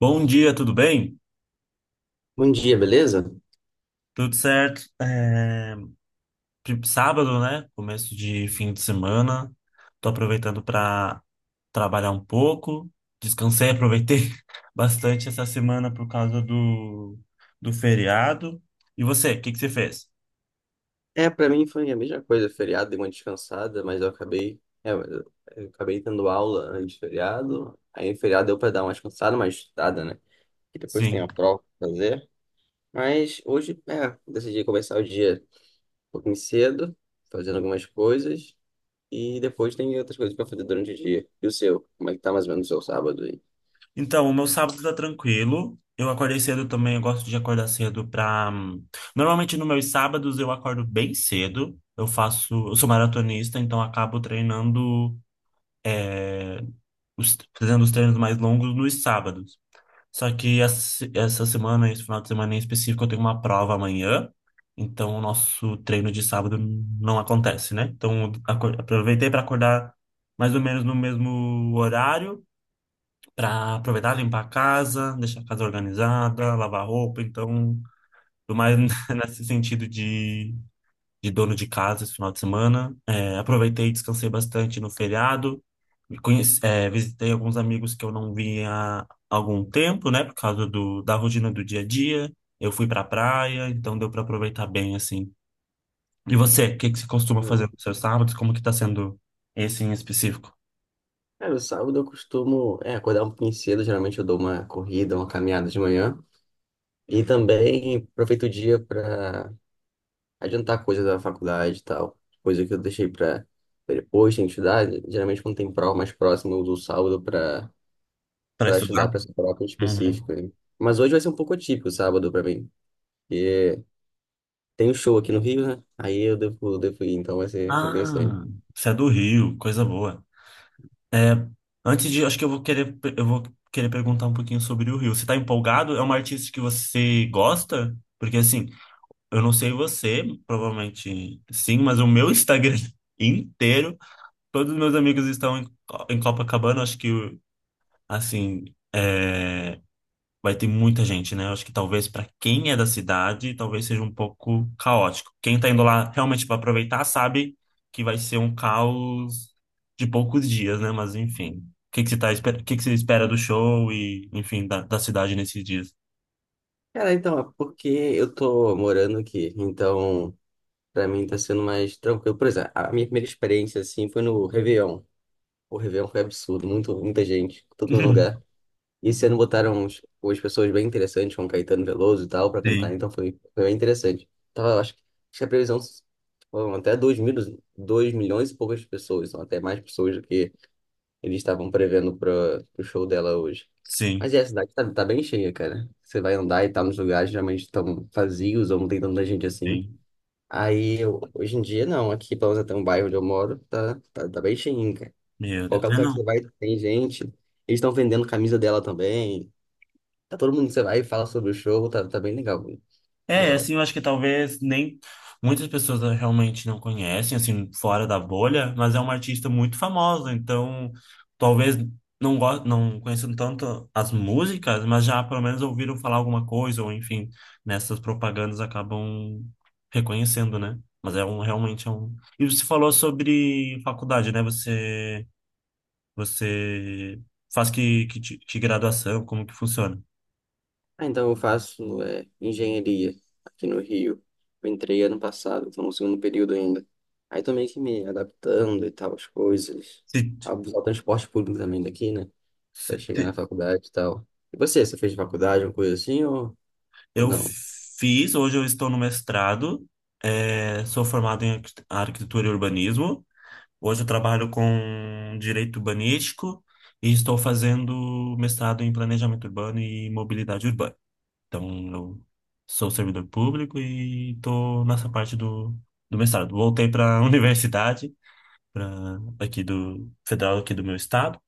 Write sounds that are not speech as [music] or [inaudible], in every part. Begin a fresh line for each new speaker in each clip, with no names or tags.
Bom dia, tudo bem?
Bom dia, beleza?
Tudo certo? Sábado, né? Começo de fim de semana. Tô aproveitando para trabalhar um pouco. Descansei, aproveitei [laughs] bastante essa semana por causa do feriado. E você, o que que você fez?
Pra mim foi a mesma coisa, feriado, dei uma descansada, mas eu acabei, eu acabei tendo aula antes do feriado, aí no feriado deu pra dar uma descansada, uma estudada, né? E depois tem
Sim.
a prova pra fazer, mas hoje, decidi começar o dia um pouquinho cedo, fazendo algumas coisas, e depois tem outras coisas pra fazer durante o dia. E o seu? Como é que tá mais ou menos o seu sábado aí?
Então, o meu sábado tá tranquilo. Eu acordei cedo também, eu gosto de acordar cedo pra. Normalmente nos meus sábados eu acordo bem cedo. Eu sou maratonista, então acabo treinando fazendo os treinos mais longos nos sábados. Só que essa semana, esse final de semana em específico, eu tenho uma prova amanhã, então o nosso treino de sábado não acontece, né? Então aproveitei para acordar mais ou menos no mesmo horário, para aproveitar, limpar a casa, deixar a casa organizada, lavar roupa, então, tô mais
Hum.
[laughs] nesse sentido de dono de casa esse final de semana. É, aproveitei e descansei bastante no feriado. Me Conheci, é, visitei alguns amigos que eu não via há algum tempo, né? Por causa da rotina do dia a dia. Eu fui pra praia, então deu para aproveitar bem, assim. E você, o que que você costuma fazer
Não.
nos seus sábados? Como que tá sendo esse em específico?
No sábado eu costumo, acordar um pouquinho cedo, geralmente eu dou uma corrida, uma caminhada de manhã, e também aproveito o dia para adiantar coisas da faculdade e tal. Coisa que eu deixei para depois, tem que estudar. Geralmente, quando tem prova mais próxima, eu uso o sábado para
Para
para
estudar?
estudar para essa prova em específico,
Uhum.
né? Mas hoje vai ser um pouco atípico o sábado para mim. Porque tem um show aqui no Rio, né? Aí eu devo, devo ir, então vai ser interessante.
Ah, você é do Rio, coisa boa. É, acho que eu vou querer perguntar um pouquinho sobre o Rio. Você tá empolgado? É uma artista que você gosta? Porque assim, eu não sei você, provavelmente sim, mas o meu Instagram [laughs] inteiro, todos os meus amigos estão em Copacabana. Acho que assim, é, vai ter muita gente, né? Eu acho que talvez para quem é da cidade, talvez seja um pouco caótico. Quem tá indo lá realmente para aproveitar sabe que vai ser um caos de poucos dias, né? Mas enfim. O que que você tá, o que que você espera do show e, enfim, da cidade nesses dias?
Cara, então, é porque eu tô morando aqui. Então, para mim tá sendo mais tranquilo. Por exemplo, a minha primeira experiência, assim, foi no Réveillon. O Réveillon foi absurdo, muito, muita gente, todo lugar.
[laughs]
E esse ano botaram uns, umas pessoas bem interessantes, como Caetano Veloso e tal, pra cantar,
Sim,
então foi, foi bem interessante. Tava, acho que a previsão foram até 2 milhões e poucas pessoas, são até mais pessoas do que eles estavam prevendo para o show dela hoje.
sim,
Mas é, a cidade tá, tá bem cheia, cara. Você vai andar e tá nos lugares geralmente estão vazios ou não tem tanta gente assim.
sim.
Hoje em dia, não. Aqui, pelo menos até um bairro onde eu moro, tá bem cheinho, cara.
Meu Deus.
Qualquer
Ah,
lugar que você
não.
vai, tem gente. Eles estão vendendo camisa dela também. Tá todo mundo, você vai e fala sobre o show, tá bem legal. Bem
É,
legal.
assim, eu acho que talvez nem muitas pessoas realmente não conhecem, assim, fora da bolha, mas é uma artista muito famosa, então talvez não conheçam tanto as músicas, mas já pelo menos ouviram falar alguma coisa, ou enfim, nessas propagandas acabam reconhecendo, né? Mas é um, realmente é um... E você falou sobre faculdade, né? Você, você faz que graduação, como que funciona?
Ah, então eu faço engenharia aqui no Rio. Eu entrei ano passado, estou no segundo período ainda. Aí tô meio que me adaptando e tal, as coisas.
Se,
A usar o transporte público também daqui, né? Pra
se,
chegar na faculdade e tal. E você, você fez faculdade, uma coisa assim, ou
Eu
não?
fiz, hoje eu estou no mestrado, eh, sou formado em arquitetura e urbanismo. Hoje eu trabalho com direito urbanístico e estou fazendo mestrado em planejamento urbano e mobilidade urbana. Então, eu sou servidor público e estou nessa parte do mestrado. Voltei para a [laughs] universidade, pra, aqui do federal, aqui do meu estado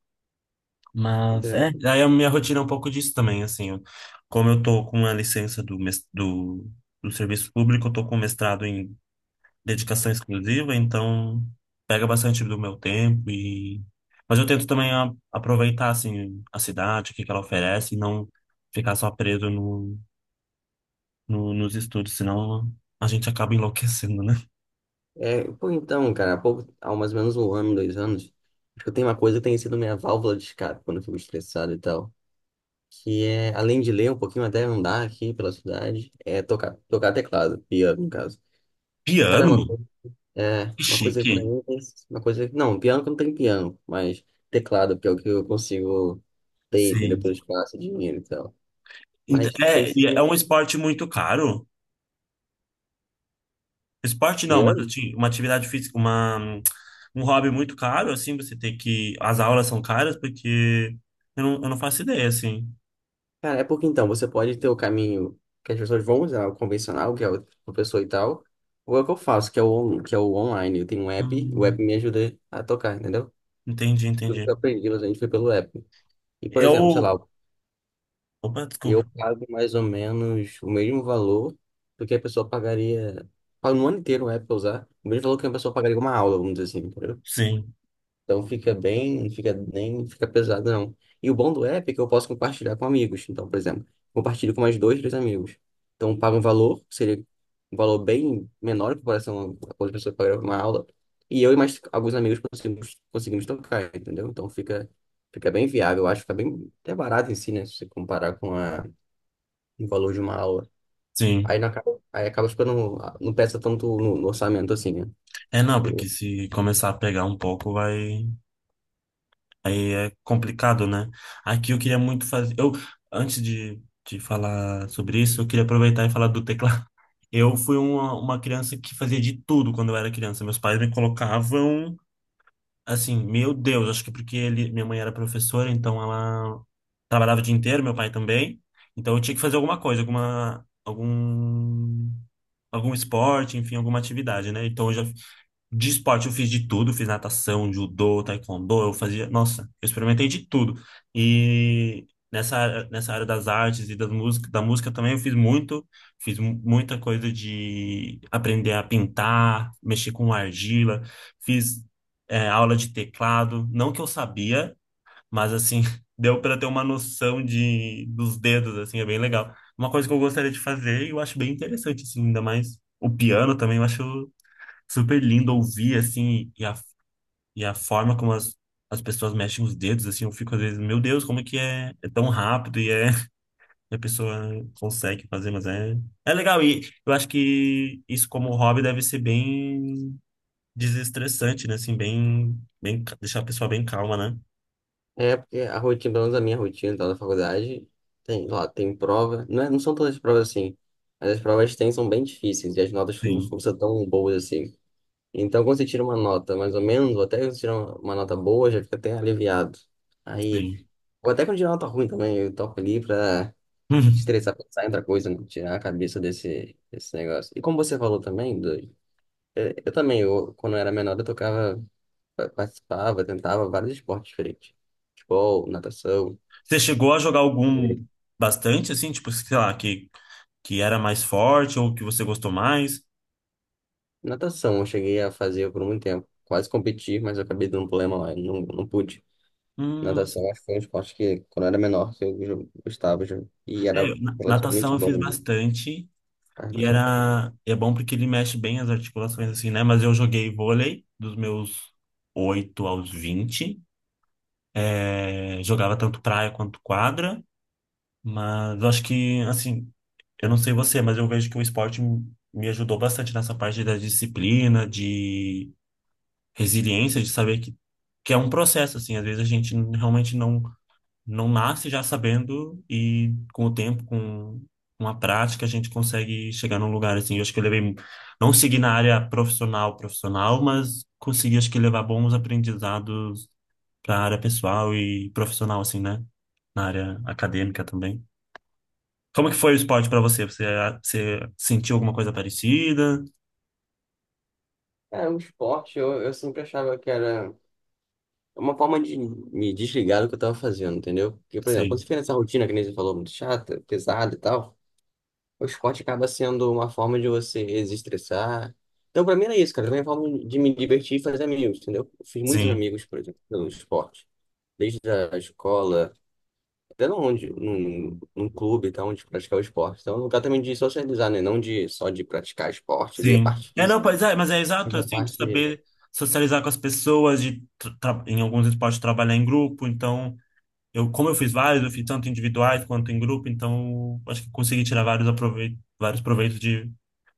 mas é, aí a minha rotina é um pouco disso também, assim, como eu tô com a licença do do serviço público, eu tô com mestrado em dedicação exclusiva, então pega bastante do meu tempo e mas eu tento também aproveitar assim a cidade, o que que ela oferece e não ficar só preso nos estudos, senão a gente acaba enlouquecendo, né?
É, pô, então, cara, há pouco, há mais ou menos um ano, dois anos, acho que eu tenho uma coisa que tem sido minha válvula de escape quando eu fico estressado e tal, que é, além de ler um pouquinho, até andar aqui pela cidade, é tocar, tocar teclado, piano, no caso. Cara, é uma
Piano?
coisa,
Que
uma coisa pra
chique.
mim, uma coisa, não, piano que não tem piano, mas teclado, que é o que eu consigo ter, entendeu?
Sim.
Pelo espaço, dinheiro e tal. Mas tem
É, e
sido
é
mesmo
um esporte muito caro. Esporte não, mas
piano?
assim, uma atividade física, uma, um hobby muito caro, assim, você tem que. As aulas são caras, porque eu não faço ideia, assim.
Cara, é porque então, você pode ter o caminho que as pessoas vão usar, o convencional, que é o professor e tal, ou é o que eu faço, que é o online. Eu tenho um app, o app
Hum,
me ajuda a tocar, entendeu?
entendi,
Tudo que
entendi.
eu aprendi, a gente foi pelo app. E, por exemplo, sei
Eu.
lá,
Opa, desculpa.
eu pago mais ou menos o mesmo valor do que a pessoa pagaria. Pago no ano inteiro, pra usar. O mesmo valor que a pessoa pagaria uma aula, vamos dizer assim, entendeu?
Sim,
Então fica bem, não fica, nem fica pesado, não. E o bom do app é que eu posso compartilhar com amigos. Então, por exemplo, compartilho com mais dois, três amigos. Então, eu pago um valor, que seria um valor bem menor em comparação a quando a pessoa pagaria uma aula. E eu e mais alguns amigos conseguimos, conseguimos tocar, entendeu? Então fica, fica bem viável, eu acho que fica bem até barato em si, né? Se você comparar com a o valor de uma aula. Aí,
sim.
não acaba, aí acaba ficando, não pesa tanto no, no orçamento assim, né?
É não,
Porque-
porque se começar a pegar um pouco, vai. Aí é complicado, né? Aqui eu queria muito fazer. Antes de, de falar sobre isso, eu queria aproveitar e falar do teclado. [laughs] Eu fui uma criança que fazia de tudo quando eu era criança. Meus pais me colocavam. Assim, meu Deus, acho que porque ele, minha mãe era professora, então ela trabalhava o dia inteiro, meu pai também. Então eu tinha que fazer alguma coisa, algum esporte, enfim, alguma atividade, né? Então eu já de esporte eu fiz de tudo, fiz natação, judô, taekwondo, eu fazia, nossa, eu experimentei de tudo. E nessa, nessa área das artes e das música, da música também eu fiz muito, fiz muita coisa de aprender a pintar, mexer com argila, fiz é, aula de teclado, não que eu sabia, mas assim, [laughs] deu para ter uma noção de dos dedos, assim, é bem legal. Uma coisa que eu gostaria de fazer e eu acho bem interessante, assim, ainda mais o piano também, eu acho super lindo ouvir, assim, e a forma como as pessoas mexem os dedos, assim, eu fico às vezes, meu Deus, como é que é, é tão rápido e é, [laughs] e a pessoa consegue fazer, mas é, é legal. E eu acho que isso como hobby deve ser bem desestressante, né, assim, deixar a pessoa bem calma, né?
É, porque a rotina, pelo menos a minha rotina tá, da faculdade, tem lá, tem prova, não, não são todas as provas assim, mas as provas que tem são bem difíceis e as notas não
Sim,
são tão boas assim. Então, quando você tira uma nota mais ou menos, ou até quando você tira uma nota boa, já fica até aliviado. Aí,
sim.
ou até quando tira uma nota ruim também, eu toco ali pra
[laughs]
estressar, pensar em outra coisa, né? Tirar a cabeça desse, desse negócio. E como você falou também, do, é, eu também, eu, quando eu era menor, eu tocava, participava, tentava vários esportes diferentes. Futebol, natação.
Você chegou a jogar algum
É.
bastante, assim, tipo, sei lá, que era mais forte ou que você gostou mais?
Natação eu cheguei a fazer por muito tempo. Quase competi, mas eu acabei dando um problema lá, eu não, não pude.
Nossa.
Natação acho que foi um esporte que, quando eu era menor, eu gostava já. E
É,
era
natação
relativamente
eu fiz
bom, né?
bastante.
Era
E
relativamente bom.
era, é bom porque ele mexe bem as articulações, assim, né? Mas eu joguei vôlei dos meus 8 aos 20. É, jogava tanto praia quanto quadra. Mas eu acho que, assim, eu não sei você, mas eu vejo que o esporte me ajudou bastante nessa parte da disciplina, de resiliência, de saber que é um processo, assim. Às vezes a gente realmente não nasce já sabendo e com o tempo, com uma prática, a gente consegue chegar num lugar assim. Eu acho que eu levei, não segui na área profissional, mas consegui, acho que levar bons aprendizados para a área pessoal e profissional, assim, né? Na área acadêmica também. Como que foi o esporte para você? Você, ah, você sentiu alguma coisa parecida?
É, um esporte, eu sempre achava que era uma forma de me desligar do que eu tava fazendo, entendeu? Porque, por exemplo, quando
Sim,
você fica nessa rotina, que nem você falou, muito chata, pesada e tal. O esporte acaba sendo uma forma de você desestressar. Então, pra mim era isso, cara. Era uma forma de me divertir e fazer amigos, entendeu? Eu fiz muitos
sim,
amigos, por exemplo, pelo esporte. Desde a escola, até onde, num, num clube, e tal, onde praticar o esporte. Então, é um lugar também de socializar, né? Não de, só de praticar esporte ali, a
sim.
parte
É, não,
física.
pois é, mas é
Mas
exato,
a
assim, de
parte.
saber socializar com as pessoas, de em alguns esportes trabalhar em grupo, então eu, como eu fiz vários, eu fiz tanto individuais quanto em grupo, então acho que consegui tirar vários aproveitos, vários proveitos de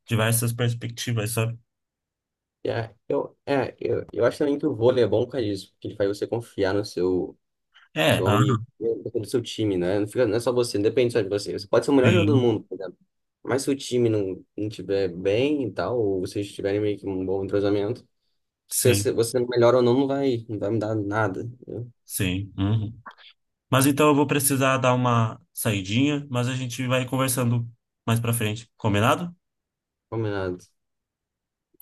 diversas perspectivas, sabe?
É, eu acho também que o vôlei é bom por causa disso, porque ele faz você confiar no seu,
É,
seu
ah,
amigo, do seu time, né? Não fica, não é só você, não depende só de você. Você pode ser o melhor jogador do
sim,
mundo, por exemplo. Mas se o time não, não tiver bem e tal, ou vocês tiverem meio que um bom entrosamento, se
sim,
você, você melhor ou não, não vai, não vai mudar nada, né?
sim. Uhum. Mas então eu vou precisar dar uma saidinha, mas a gente vai conversando mais pra frente, combinado?
Combinado.